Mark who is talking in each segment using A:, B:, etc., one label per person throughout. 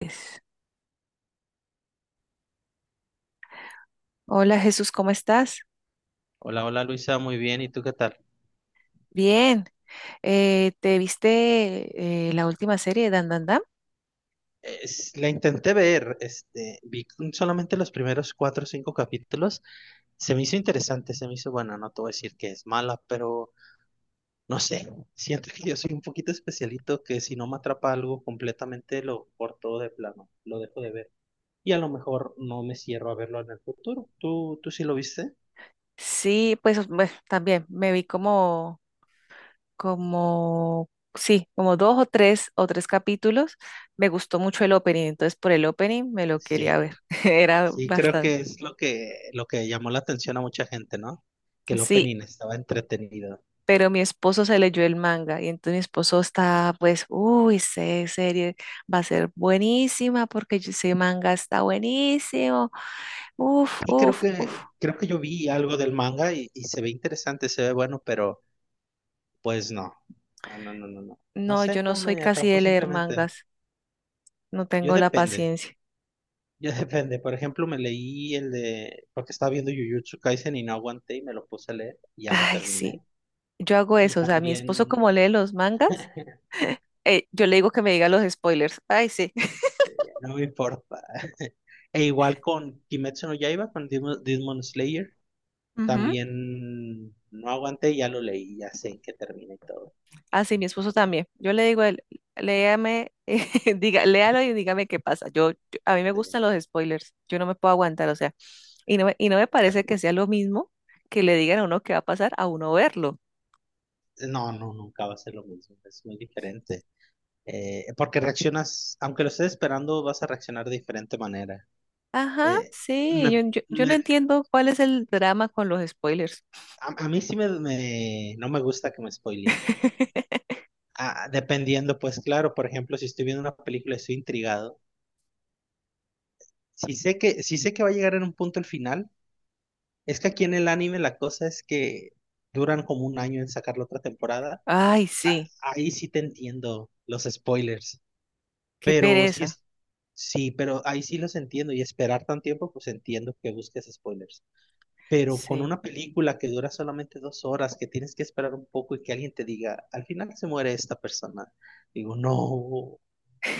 A: Pues, hola, Jesús, ¿cómo estás?
B: Hola, hola Luisa, muy bien. ¿Y tú qué tal?
A: Bien. ¿Te viste la última serie de Dan Dan Dan?
B: La intenté ver, vi solamente los primeros cuatro o cinco capítulos. Se me hizo interesante, se me hizo buena. No te voy a decir que es mala, pero no sé. Siento que yo soy un poquito especialito que si no me atrapa algo completamente lo corto de plano, lo dejo de ver. Y a lo mejor no me cierro a verlo en el futuro. ¿Tú sí lo viste?
A: Sí, pues bueno, también me vi como, sí, como dos o tres capítulos. Me gustó mucho el opening, entonces por el opening me lo quería
B: Sí,
A: ver. Era
B: sí, creo que
A: bastante.
B: es lo que, llamó la atención a mucha gente, ¿no? Que el
A: Sí,
B: opening estaba entretenido.
A: pero mi esposo se leyó el manga y entonces mi esposo está, pues, uy, esa serie va a ser buenísima porque ese manga está buenísimo. Uf,
B: Y creo
A: uf, uf.
B: que, creo que yo vi algo del manga y se ve interesante, se ve bueno, pero pues no. Ah, no, no, no, no. No
A: No, yo
B: sé,
A: no
B: no
A: soy
B: me
A: casi
B: atrapó
A: de leer
B: simplemente.
A: mangas. No
B: Yo
A: tengo la
B: depende,
A: paciencia.
B: yo depende. Por ejemplo, me leí el de, porque estaba viendo Jujutsu Kaisen y no aguanté y me lo puse a leer y ya lo
A: Ay,
B: terminé.
A: sí. Yo hago
B: Y
A: eso. O sea, mi esposo como
B: también
A: lee los mangas, yo le digo que me diga los spoilers. Ay, sí.
B: no me importa. E igual con Kimetsu no Yaiba, con Demon Slayer,
A: Ujú.
B: también no aguanté y ya lo leí, ya sé en qué termina y todo.
A: Ah, sí, mi esposo también. Yo le digo, a él, léame, diga, léalo y dígame qué pasa. A mí me
B: Sí.
A: gustan los spoilers. Yo no me puedo aguantar, o sea, y no me parece que sea lo mismo que le digan a uno qué va a pasar a uno verlo.
B: No, no, nunca va a ser lo mismo, es muy diferente. Porque reaccionas, aunque lo estés esperando, vas a reaccionar de diferente manera.
A: Ajá,
B: Eh,
A: sí,
B: me,
A: yo no
B: me-
A: entiendo cuál es el drama con los spoilers.
B: a mí sí no me gusta que me spoileen. Dependiendo, pues claro, por ejemplo, si estoy viendo una película y estoy intrigado, si sé que va a llegar en un punto el final, es que aquí en el anime la cosa es que duran como un año en sacar la otra temporada,
A: Ay, sí,
B: ahí sí te entiendo los spoilers.
A: qué
B: Pero sí
A: pereza.
B: es, sí, pero ahí sí los entiendo y esperar tan tiempo, pues entiendo que busques spoilers. Pero con
A: Sí.
B: una película que dura solamente 2 horas, que tienes que esperar un poco y que alguien te diga, al final se muere esta persona. Digo, no,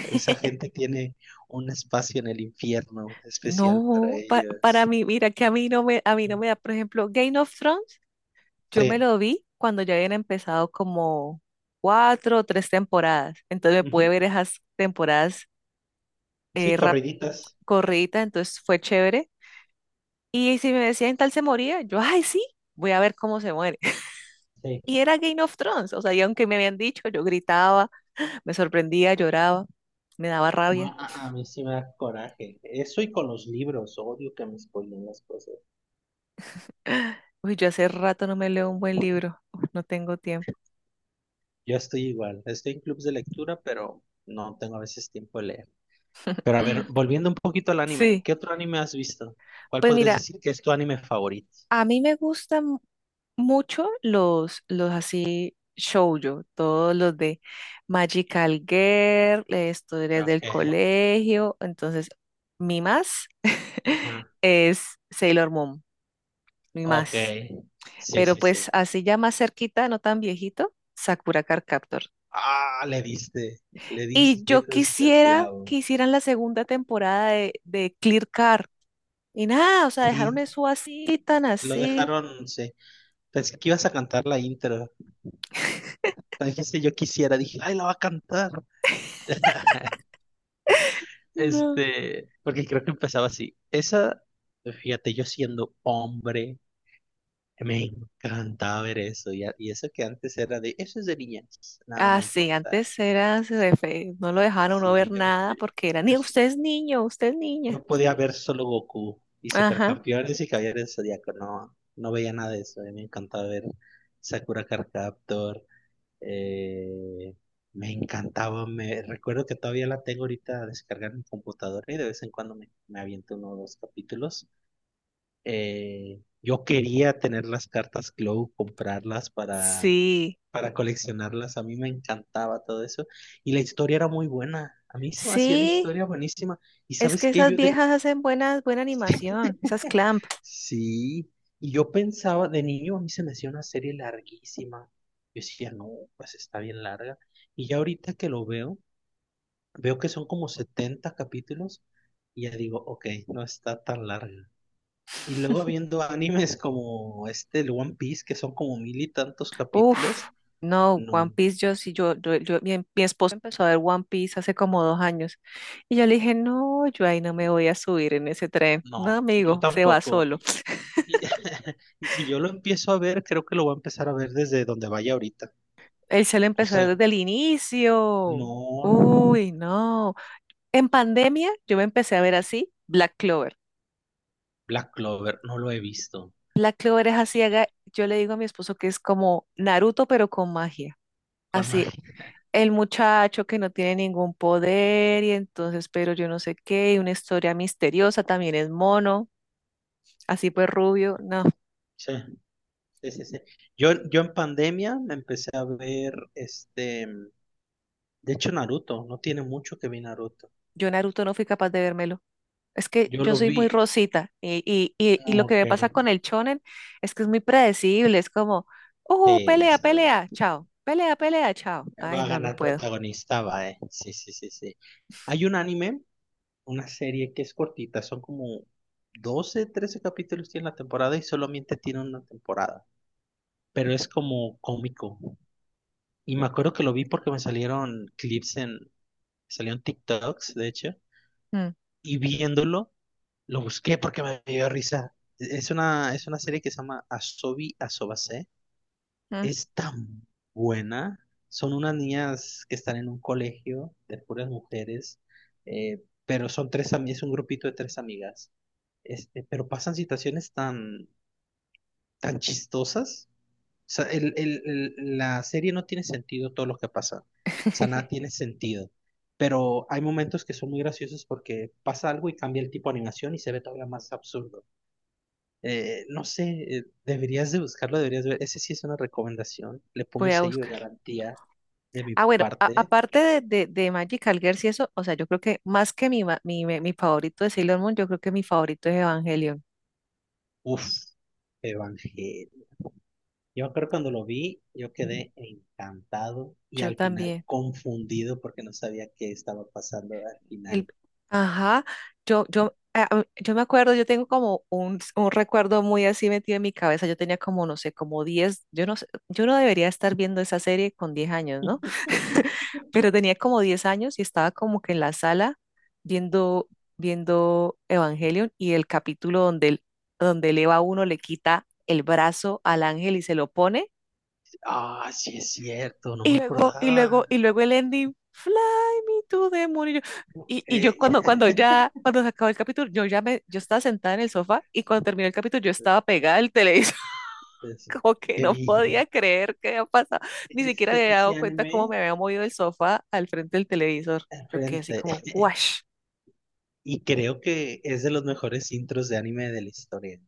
B: esa gente tiene un espacio en el infierno especial para
A: No, para
B: ellos.
A: mí, mira que a mí no me da, por ejemplo, Game of Thrones. Yo me
B: Sí,
A: lo vi cuando ya habían empezado como cuatro o tres temporadas. Entonces me pude
B: ujú.
A: ver esas temporadas
B: Sí,
A: eh, rap-
B: corriditas.
A: corriditas, entonces fue chévere. Y si me decían tal se moría, yo, ay, sí, voy a ver cómo se muere.
B: Sí.
A: Y era Game of Thrones, o sea, y aunque me habían dicho, yo gritaba, me sorprendía, lloraba, me daba
B: No,
A: rabia.
B: a mí sí me da coraje. Eso y con los libros, odio que me spoilen las cosas.
A: Uy, yo hace rato no me leo un buen libro. Uf, no tengo tiempo.
B: Yo estoy igual, estoy en clubs de lectura, pero no tengo a veces tiempo de leer. Pero a ver, volviendo un poquito al anime,
A: Sí,
B: ¿qué otro anime has visto? ¿Cuál
A: pues
B: podrías
A: mira,
B: decir que es tu anime favorito?
A: a mí me gustan mucho los así shoujo, todos los de Magical Girl, historias
B: Ok,
A: del colegio. Entonces, mi más
B: ajá,
A: es Sailor Moon, mi
B: ok,
A: más.
B: sí,
A: Pero
B: sí, sí.
A: pues así ya más cerquita, no tan viejito, Sakura Card Captor.
B: Ah, le
A: Y
B: diste
A: yo
B: justo al
A: quisiera
B: clavo.
A: que hicieran la segunda temporada de Clear Car. Y nada, o sea, dejaron
B: Sí,
A: eso así, tan
B: lo
A: así.
B: dejaron, sí. Pensé que ibas a cantar la intro. Dijiste yo quisiera, dije, ay, la va a cantar.
A: No.
B: Porque creo que empezaba así. Esa, fíjate, yo siendo hombre. Me encantaba ver eso. Y eso que antes era eso es de niñas. Nada me
A: Así,
B: importa.
A: antes era, no lo dejaron uno ver
B: Sí,
A: nada porque era, ni
B: yo-
A: usted es niño, usted es niña.
B: yo podía ver solo Goku y
A: Ajá,
B: Supercampeones y Caballeros del Zodíaco. No, no veía nada de eso. A mí me encantaba ver Sakura Card Captor. eh, me encantaba. Me recuerdo que todavía la tengo ahorita descargada en mi computadora y de vez en cuando me aviento uno o dos capítulos. Yo quería tener las cartas Glow, comprarlas para
A: sí,
B: para coleccionarlas. A mí me encantaba todo eso. Y la historia era muy buena. A mí se me hacía la
A: sí,
B: historia buenísima. Y
A: es
B: sabes
A: que
B: qué,
A: esas
B: yo de...
A: viejas hacen buena, buena animación, esas Clamp.
B: Sí, y yo pensaba, de niño a mí se me hacía una serie larguísima. Yo decía, no, pues está bien larga. Y ya ahorita que lo veo, veo que son como 70 capítulos y ya digo, ok, no está tan larga. Y luego viendo animes como este, el One Piece, que son como 1.000 y tantos
A: Uf,
B: capítulos,
A: no, One
B: no,
A: Piece, yo sí, mi esposo empezó a ver One Piece hace como 2 años y yo le dije, no, yo ahí no me voy a subir en ese tren. No,
B: no, yo
A: amigo, se va
B: tampoco.
A: solo.
B: Y, y si yo lo empiezo a ver, creo que lo voy a empezar a ver desde donde vaya ahorita.
A: Él se lo
B: O
A: empezó
B: sea,
A: desde el inicio.
B: no, no, no.
A: Uy, no. En pandemia yo me empecé a ver así Black Clover.
B: Black Clover, no lo he visto.
A: Black Clover es así,
B: Y
A: yo le digo a mi esposo que es como Naruto, pero con magia.
B: con Mari.
A: Sí, el muchacho que no tiene ningún poder y entonces, pero yo no sé qué, y una historia misteriosa, también es mono, así pues rubio. No,
B: Sí, sí, sí, sí. Yo en pandemia me empecé a ver. De hecho, Naruto. No tiene mucho que vi Naruto.
A: yo Naruto no fui capaz de vérmelo. Es que
B: Yo
A: yo
B: lo
A: soy muy
B: vi.
A: rosita y lo que
B: Ok.
A: me pasa con el shonen es que es muy predecible, es como,
B: Sí, ya
A: pelea,
B: sabes.
A: pelea, chao, pelea, pelea, chao.
B: Va
A: Ay,
B: a
A: no, no
B: ganar
A: puedo.
B: protagonista. Sí, sí, sí, sí. Hay un anime una serie que es cortita, son como 12 13 capítulos tiene la temporada y solamente tiene una temporada, pero es como cómico. Y me acuerdo que lo vi porque me salieron salieron TikToks, de hecho,
A: Mm,
B: y viéndolo, lo busqué porque me dio risa. Es una serie que se llama Asobi Asobase.
A: mm,
B: Es tan buena. Son unas niñas que están en un colegio de puras mujeres, pero son tres amigas, es un grupito de tres amigas. Pero pasan situaciones tan, tan chistosas. O sea, La serie no tiene sentido todo lo que pasa. O sea, nada tiene sentido. Pero hay momentos que son muy graciosos porque pasa algo y cambia el tipo de animación y se ve todavía más absurdo. No sé, deberías de buscarlo, deberías de ver. Ese sí es una recomendación. Le pongo
A: Voy a
B: sello de
A: buscar.
B: garantía de mi
A: Ah, bueno,
B: parte.
A: aparte de Magical Girls y eso, o sea, yo creo que más que mi, ma- mi favorito de Sailor Moon, yo creo que mi favorito es Evangelion.
B: Uf, Evangelio. Yo creo que cuando lo vi, yo quedé encantado y
A: Yo
B: al final
A: también.
B: confundido porque no sabía qué estaba pasando al
A: El,
B: final.
A: ajá, yo me acuerdo, yo tengo como un recuerdo muy así metido en mi cabeza. Yo tenía como, no sé, como 10. Yo no sé, yo no debería estar viendo esa serie con 10 años, ¿no? Pero tenía como 10 años y estaba como que en la sala viendo, viendo Evangelion y el capítulo donde, donde el Eva uno le quita el brazo al ángel y se lo pone.
B: Ah, sí es cierto, no me
A: Y luego, y luego,
B: acordaba.
A: y luego el ending, Fly me to the moon. Y yo
B: Eh,
A: cuando, ya, cuando se acabó el capítulo, yo estaba sentada en el sofá y cuando terminó el capítulo yo estaba pegada al televisor,
B: es-
A: como que
B: que
A: no
B: vi
A: podía creer que había pasado. Ni siquiera
B: ese,
A: me había
B: ese
A: dado cuenta cómo
B: anime
A: me había movido el sofá al frente del televisor.
B: al
A: Yo quedé así
B: frente.
A: como, guash.
B: Y creo que es de los mejores intros de anime de la historia.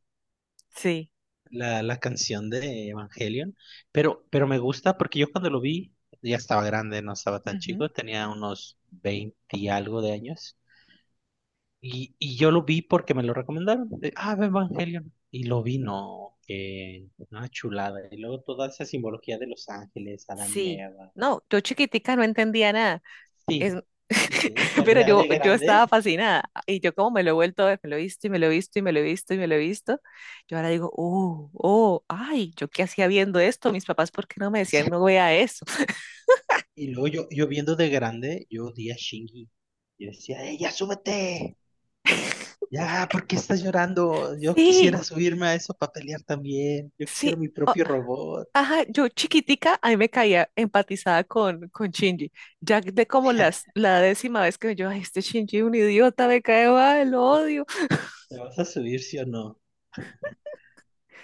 A: Sí.
B: La canción de Evangelion. Pero me gusta porque yo cuando lo vi ya estaba grande, no estaba tan
A: Ujú,
B: chico, tenía unos 20 y algo de años. Y yo lo vi porque me lo recomendaron. De, ah, ve Evangelion. Y lo vi, no, que una chulada. Y luego toda esa simbología de Los Ángeles, Adán y
A: sí.
B: Eva.
A: No, yo chiquitica no entendía nada. Es,
B: Sí, sí, sí, sí, pero
A: pero
B: ya de
A: yo
B: grande.
A: estaba fascinada y yo como me lo he vuelto a ver, me lo he visto y me lo he visto y me lo he visto y me lo he visto, yo ahora digo, oh, oh, ay, ¿yo qué hacía viendo esto? Mis papás, ¿por qué no me
B: Sí.
A: decían no vea eso?
B: Y luego yo, viendo de grande, yo odié a Shinji. Yo decía, ¡eh, ya súbete! Ya, ¿por qué estás llorando? Yo
A: Sí,
B: quisiera subirme a eso para pelear también. Yo quisiera
A: sí,
B: mi
A: oh,
B: propio robot.
A: ajá, yo chiquitica, a mí me caía empatizada con Shinji, ya de como la 10.ª vez que yo, ay, este Shinji es un idiota, me cae mal, lo odio,
B: ¿Te vas a subir, sí o no?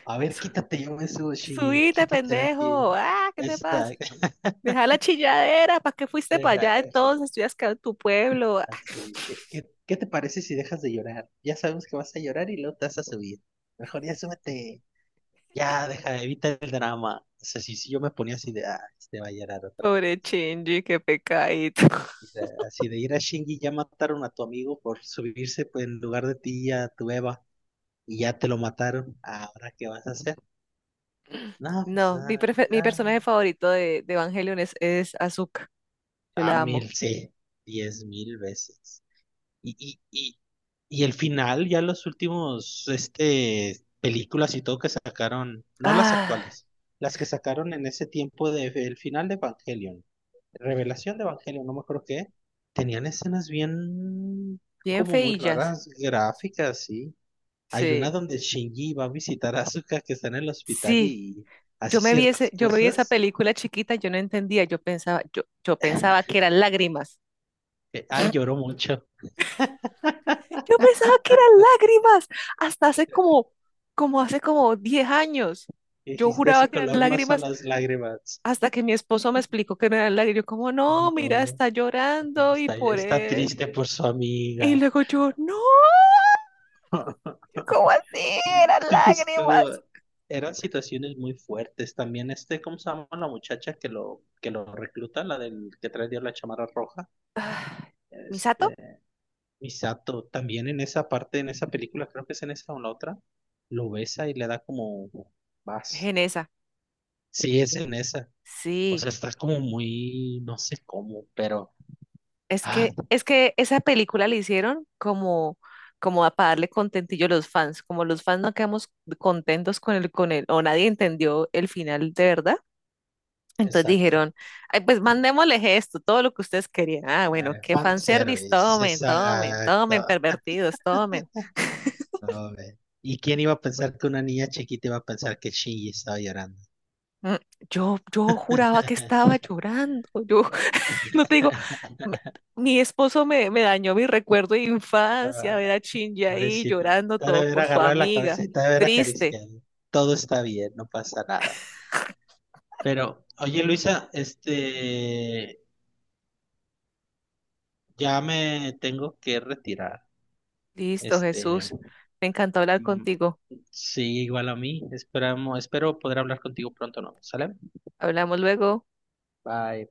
B: A ver,
A: su,
B: quítate, yo me subo, Shinji.
A: subite,
B: Quítate de aquí.
A: pendejo, ah, ¿qué te pasa?
B: Exacto.
A: Deja la chilladera, ¿para qué fuiste para
B: Deja,
A: allá de todos?
B: así,
A: Estudias que en tu pueblo.
B: así. ¿Qué, qué, qué te parece si dejas de llorar? Ya sabemos que vas a llorar y luego te vas a subir. Mejor ya súbete. Ya, deja, evita el drama. O sea, si yo me ponía así de, ah, este va a llorar
A: Ah,
B: otra vez.
A: pobre Shinji, qué pecadito.
B: Mira, así de ir a Shinji, ya mataron a tu amigo por subirse pues, en lugar de ti a tu Eva y ya te lo mataron. ¿Ahora qué vas a hacer? No, pues,
A: No,
B: ah,
A: mi
B: ya.
A: personaje favorito de Evangelion es Asuka. Yo
B: A
A: la amo.
B: mil, sí. 10.000 veces. Y, y, y, y el final, ya los últimos, películas y todo que sacaron, no las
A: Ah,
B: actuales, las que sacaron en ese tiempo de, el final de Evangelion, Revelación de Evangelion, no me acuerdo qué, tenían escenas bien,
A: bien
B: como muy
A: feillas.
B: raras, gráficas, sí. Hay una
A: Sí,
B: donde Shinji va a visitar a Asuka que está en el hospital
A: sí.
B: y hace ciertas
A: Yo me vi esa
B: cosas.
A: película chiquita, yo no entendía, yo pensaba, yo pensaba que eran lágrimas.
B: Que, ay, lloró mucho.
A: Yo pensaba que eran lágrimas. Hasta hace como hace como 10 años.
B: Y
A: Yo
B: dijiste,
A: juraba
B: ese
A: que eran
B: color no son
A: lágrimas.
B: las lágrimas.
A: Hasta que mi esposo me explicó que no era el lago, yo como, no, mira,
B: No.
A: está llorando y
B: Está,
A: por
B: está
A: él.
B: triste por su
A: Y
B: amiga.
A: luego yo, no, yo, ¿cómo así?
B: Sí,
A: Eran
B: tipo,
A: lágrimas.
B: eran situaciones muy fuertes. También, ¿cómo se llama la muchacha que lo, recluta? La del que trae la chamarra roja.
A: ¿Misato?
B: Este, Misato, también en esa parte, en esa película, creo que es en esa o en la otra, lo besa y le da como vas.
A: Genesa.
B: Sí, es en esa. O
A: Sí,
B: sea, está como muy, no sé cómo, pero. Ah,
A: es que esa película la hicieron como, como para darle contentillo a los fans. Como los fans no quedamos contentos con el, o nadie entendió el final de verdad. Entonces
B: exacto.
A: dijeron, ay, pues mandémosle esto, todo lo que ustedes querían. Ah, bueno,
B: Eh,
A: qué fanservice,
B: fanservice,
A: tomen, tomen,
B: exacto.
A: tomen, pervertidos, tomen.
B: No, ve. ¿Y quién iba a pensar que una niña chiquita iba a pensar que Shinji estaba llorando?
A: Mm, yo juraba que estaba llorando. Yo no te digo, me- mi esposo me dañó mi recuerdo de infancia, ver
B: Ah,
A: a Shinji ahí
B: pobrecita.
A: llorando
B: Te ha de
A: todo
B: haber
A: por su
B: agarrado la
A: amiga.
B: cabeza y te ha de haber
A: Triste.
B: acariciado. Todo está bien, no pasa nada. Pero, oye, Luisa, ya me tengo que retirar.
A: Listo,
B: Este,
A: Jesús. Me encantó hablar
B: mm,
A: contigo.
B: sí, igual a mí. Espero poder hablar contigo pronto, ¿no? ¿Sale?
A: Hablamos luego.
B: Bye.